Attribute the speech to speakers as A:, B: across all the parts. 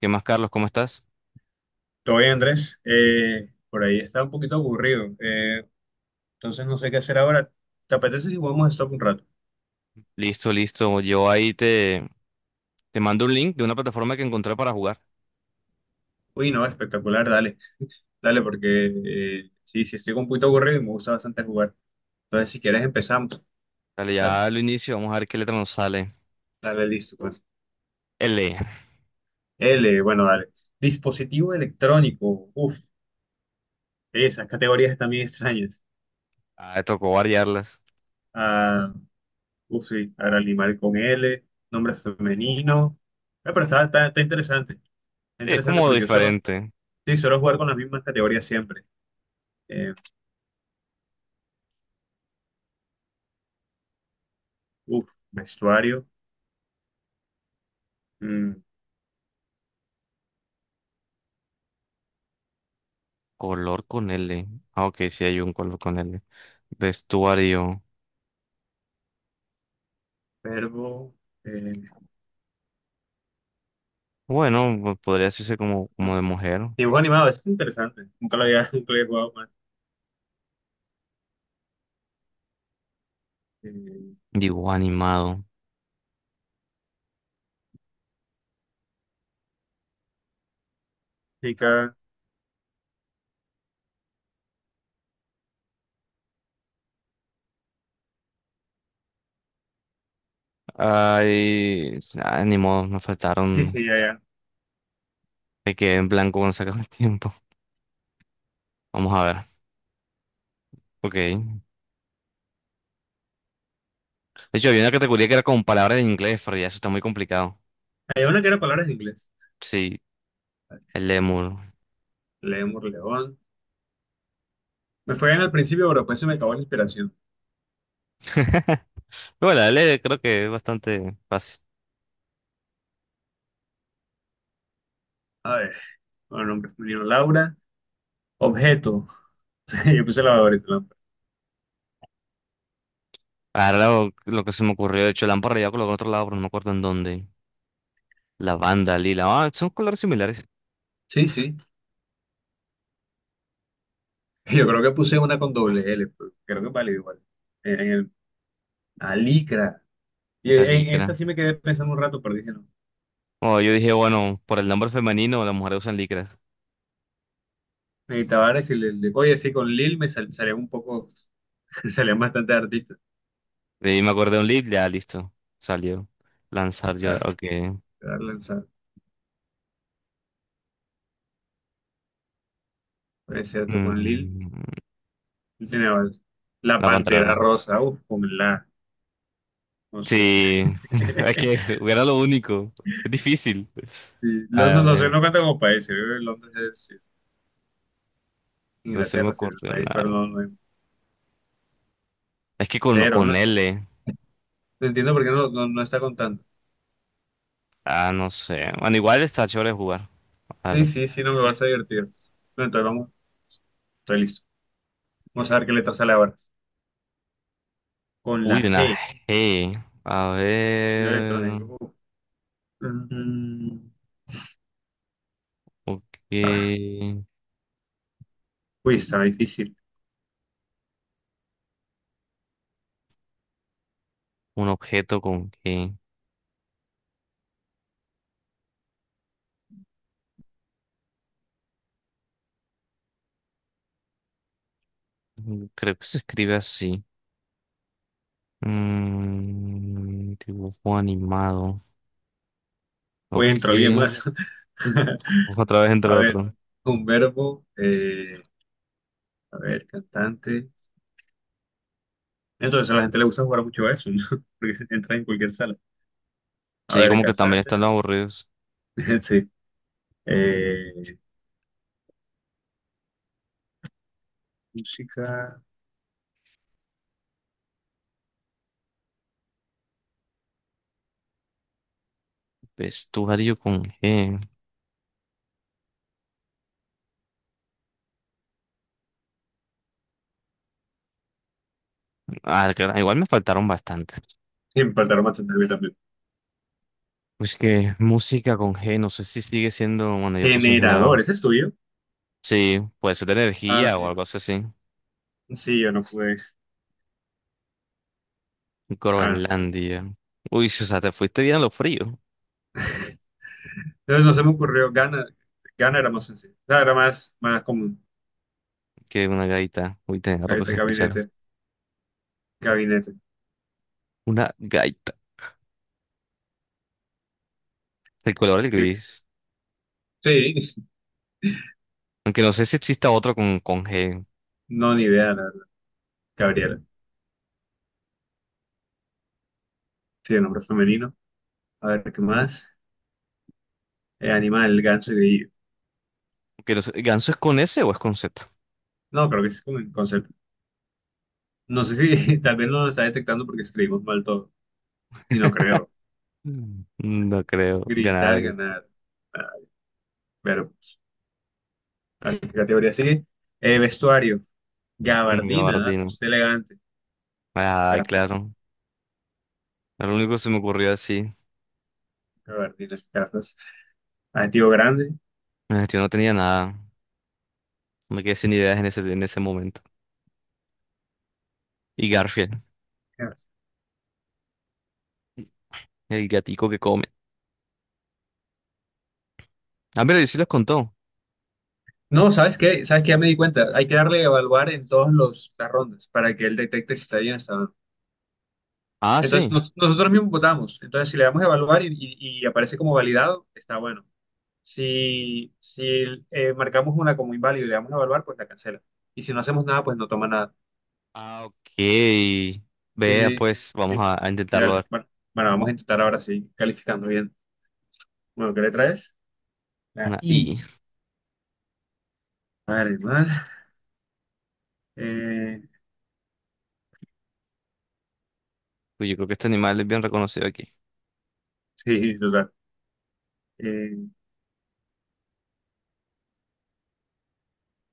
A: ¿Qué más, Carlos? ¿Cómo estás?
B: Todo bien, Andrés. Por ahí está un poquito aburrido. Entonces no sé qué hacer ahora. ¿Te apetece si jugamos a Stop un rato?
A: Listo, listo. Yo ahí te mando un link de una plataforma que encontré para jugar.
B: Uy, no, espectacular, dale. Dale, porque sí, sí, estoy un poquito aburrido y me gusta bastante jugar. Entonces, si quieres, empezamos.
A: Dale,
B: Dale,
A: ya lo inicio. Vamos a ver qué letra nos sale.
B: dale, listo. Pues.
A: L.
B: L, bueno, dale. Dispositivo electrónico. Uf, esas categorías también extrañas.
A: Ah, tocó variarlas.
B: Ah, uf, sí, ahora animal con L, nombre femenino. Pero está interesante. Está
A: Sí, es
B: interesante
A: como
B: porque yo solo.
A: diferente.
B: Sí, suelo jugar con las mismas categorías siempre. Eh, uf, Vestuario, mm,
A: Color con L. Ah, ok, sí hay un color con L. Vestuario.
B: verbo, eh,
A: Bueno, pues podría decirse
B: ah,
A: como de mujer.
B: dibujo animado, eso es interesante. Nunca lo había, nunca lo había jugado más. Eh,
A: Digo, animado.
B: Chica,
A: Ay, ah, ni modo, nos
B: sí,
A: faltaron.
B: sí, ya, ya.
A: Me quedé en blanco cuando sacamos el tiempo. Vamos a ver. Ok. De hecho, había una categoría que era con palabras en inglés, pero ya eso está muy complicado.
B: Hay una que era palabras en inglés.
A: Sí, el lemur.
B: Lemur, león. Me fue bien al principio, pero después se me acabó la inspiración.
A: Pero bueno, el E creo que es bastante fácil.
B: A ver, bueno, nombre femenino, Laura. Objeto. Yo puse lavadora y trampa.
A: Ahora lo que se me ocurrió, de hecho, lámpara ya colocó en otro lado, pero no me acuerdo en dónde. Lavanda, lila. Ah, son colores similares.
B: Sí, sí. Yo creo que puse una con doble L, pero creo que vale igual. En el, alicra. Y
A: La
B: en
A: licra.
B: esa sí me quedé pensando un rato, pero dije no.
A: Oh, yo dije, bueno, por el nombre femenino, las mujeres usan licras.
B: Y Tavares y oye, sí, con Lil salían un poco, salían bastante artistas.
A: De ahí me acordé de un lead, ya listo. Salió. Lanzar yo,
B: Claro,
A: ok.
B: claro, lanzado. Es cierto, con Lil
A: Mm,
B: él tenía varios. La
A: levantar.
B: Pantera Rosa, uff, con la, no sé.
A: Sí, es que era lo único. Es difícil.
B: Sí,
A: Ah,
B: Londres no sé, no cuenta como país, se vive en Londres es sí,
A: no se me
B: Inglaterra, sería el
A: ocurrió
B: país, pero
A: nada.
B: no, no es
A: Es que
B: cero.
A: con
B: No,
A: L,
B: no entiendo por qué no está contando.
A: ah, no sé. Bueno, igual está chévere jugar. A
B: Sí,
A: ver.
B: sí, sí, no me vas a divertir. Bueno, entonces vamos, estoy listo. Vamos a ver qué letra sale ahora. Con la
A: Uy, una
B: G,
A: G. A
B: yo
A: ver.
B: electrónico. Uf. Mm,
A: Ok.
B: ah, Uy, está difícil.
A: Un objeto con G. Creo que se escribe así. Dibujo animado.
B: Voy a
A: Ok.
B: alguien más.
A: Otra vez entre
B: A ver,
A: otro.
B: un verbo, a ver, cantante. Entonces a la gente le gusta jugar mucho a eso, ¿no? Porque entra en cualquier sala. A
A: Sí,
B: ver,
A: como que también
B: cantante.
A: están los aburridos.
B: Sí. Eh, Música.
A: Vestuario con G. Ah, claro, igual me faltaron bastantes.
B: Siempre tardaron bastante en mí también.
A: Pues que música con G, no sé si sigue siendo, bueno, yo puse un generado.
B: Generador, ¿ese es tuyo?
A: Sí, puede ser de
B: Ah,
A: energía o
B: sí.
A: algo así.
B: Sí, yo no pude. Ah.
A: Groenlandia. Uy, sí, o sea, te fuiste bien a lo frío.
B: Entonces no se me ocurrió. Gana, gana era más sencillo. O sea, era más común.
A: Que una gaita. Uy, tenía rato
B: Gabinete,
A: sin escuchar.
B: gabinete, gabinete.
A: Una gaita. El color del gris.
B: Sí.
A: Aunque no sé si exista otro con G.
B: No, ni idea, la verdad. Gabriela. Sí, el nombre femenino. A ver, ¿qué más? Animal, ganso y grillo.
A: Que no sé, ¿ganso es con S o es con Z?
B: No, creo que ese es como el concepto. No sé si tal vez no lo está detectando porque escribimos mal todo. Y no creo.
A: Mm. No creo.
B: Gritar,
A: Ganar.
B: ganar. Ah, pero, ¿a qué categoría sigue? Vestuario.
A: Un
B: Gabardina, ¿no?
A: gabardina.
B: Usted elegante.
A: Ah,
B: Gafas.
A: claro. Era lo único que se me ocurrió así.
B: Gabardinas, gafas. Adjetivo grande.
A: Yo no tenía nada. Me quedé sin ideas en ese momento. Y Garfield,
B: Gafas.
A: el gatico que come. Ah, pero sí los contó.
B: No, ¿sabes qué? ¿Sabes qué? Ya me di cuenta. Hay que darle a evaluar en las rondas para que él detecte si está bien o está mal.
A: Ah,
B: Entonces,
A: sí.
B: nosotros mismos votamos. Entonces, si le damos a evaluar y aparece como validado, está bueno. Si, si marcamos una como inválida y le damos a evaluar, pues la cancela. Y si no hacemos nada, pues no toma nada.
A: Ah, ok.
B: Sí,
A: Vea,
B: sí,
A: pues vamos
B: sí.
A: a
B: Sí,
A: intentarlo
B: dale.
A: ver.
B: Bueno, bueno, vamos a intentar ahora sí, calificando bien. Bueno, ¿qué le traes? La
A: Una I.
B: I. Vale, mal. Eh,
A: Uy, yo creo que este animal es bien reconocido aquí.
B: sí, total. Eh,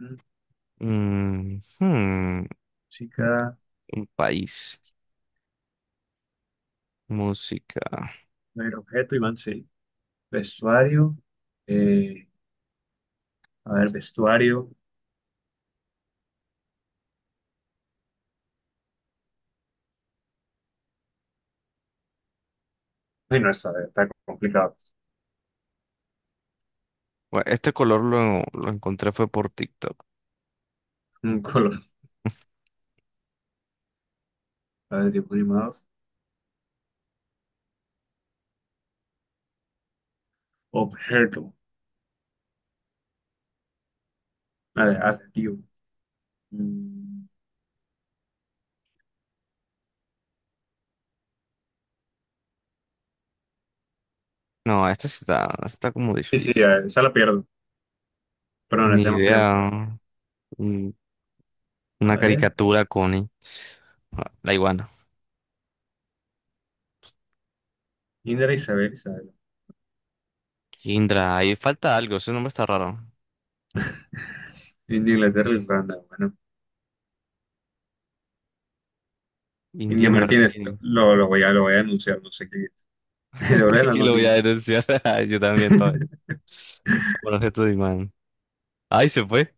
B: mm,
A: Mm, hmm,
B: Chica,
A: un país. Música.
B: no hay objeto, Iván, sí. Vestuario. eh, a ver, vestuario. Ay, no, está complicado.
A: Bueno, este color lo encontré fue por TikTok.
B: Un color. A ver, dibujos animados. Objeto. A ver, adjetivo. Mm.
A: No, este está como
B: Sí, sí,
A: difícil.
B: esa la pierdo. Pero no
A: Ni
B: sabemos que le hemos dado.
A: idea. Mm,
B: A
A: una
B: ver,
A: caricatura, Connie. Ah, la iguana.
B: Indra, Isabel.
A: Indra, ahí falta algo, ese nombre está raro.
B: India, Inglaterra, Irlanda. Bueno,
A: India
B: India Martínez,
A: Martini.
B: lo voy a anunciar, no sé quién es. El oro del
A: Aquí lo voy a
B: anónimo.
A: denunciar. Yo también, todo. Por objeto de imán. Ay, se fue.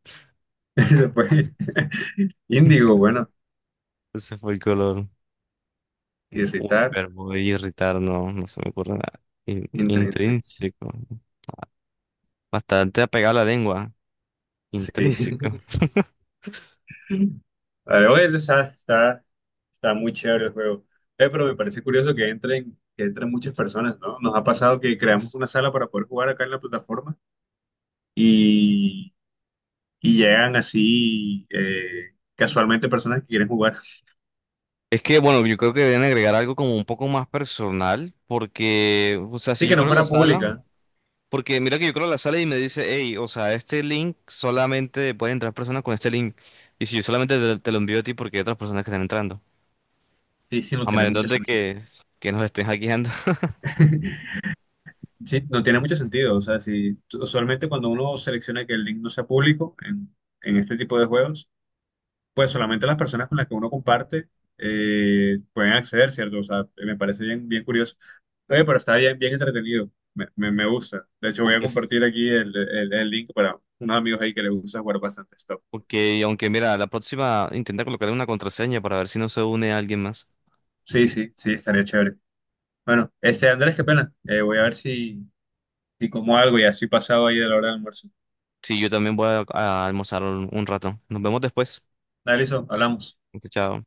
B: Después, índigo, bueno,
A: Se fue el color. Uy,
B: irritar,
A: pero voy a irritar, no, no se me ocurre nada.
B: intrínseco.
A: Intrínseco. Bastante apegado a la lengua.
B: Sí.
A: Intrínseco.
B: Vale, bueno, está muy chévere el juego. Pero me parece curioso que que entren muchas personas, ¿no? Nos ha pasado que creamos una sala para poder jugar acá en la plataforma y llegan así casualmente personas que quieren jugar.
A: Es que, bueno, yo creo que deben agregar algo como un poco más personal, porque, o sea, si
B: Sí,
A: yo
B: que no
A: creo la
B: fuera
A: sala.
B: pública.
A: Porque mira que yo creo que la sale y me dice, hey, o sea, este link solamente pueden entrar personas con este link. Y si yo solamente te lo envío a ti porque hay otras personas que están entrando.
B: Sí, sí, no
A: A
B: tiene
A: menos
B: mucho sentido.
A: que nos estén hackeando.
B: Sí, no tiene mucho sentido. O sea, si usualmente cuando uno selecciona que el link no sea público en este tipo de juegos, pues solamente las personas con las que uno comparte pueden acceder, ¿cierto? O sea, me parece bien, bien curioso. Oye, pero está bien, bien entretenido. Me gusta. De hecho, voy a
A: Aunque,
B: compartir aquí el link para unos amigos ahí que les gusta jugar bastante stop.
A: porque, aunque mira, la próxima intenta colocarle una contraseña para ver si no se une a alguien más.
B: Sí, sí, sí, estaría chévere. Bueno, este Andrés, qué pena. Voy a ver si, si como algo, ya estoy pasado ahí de la hora del almuerzo.
A: Sí, yo también voy a almorzar un rato. Nos vemos después.
B: Dale, listo, hablamos.
A: Chao.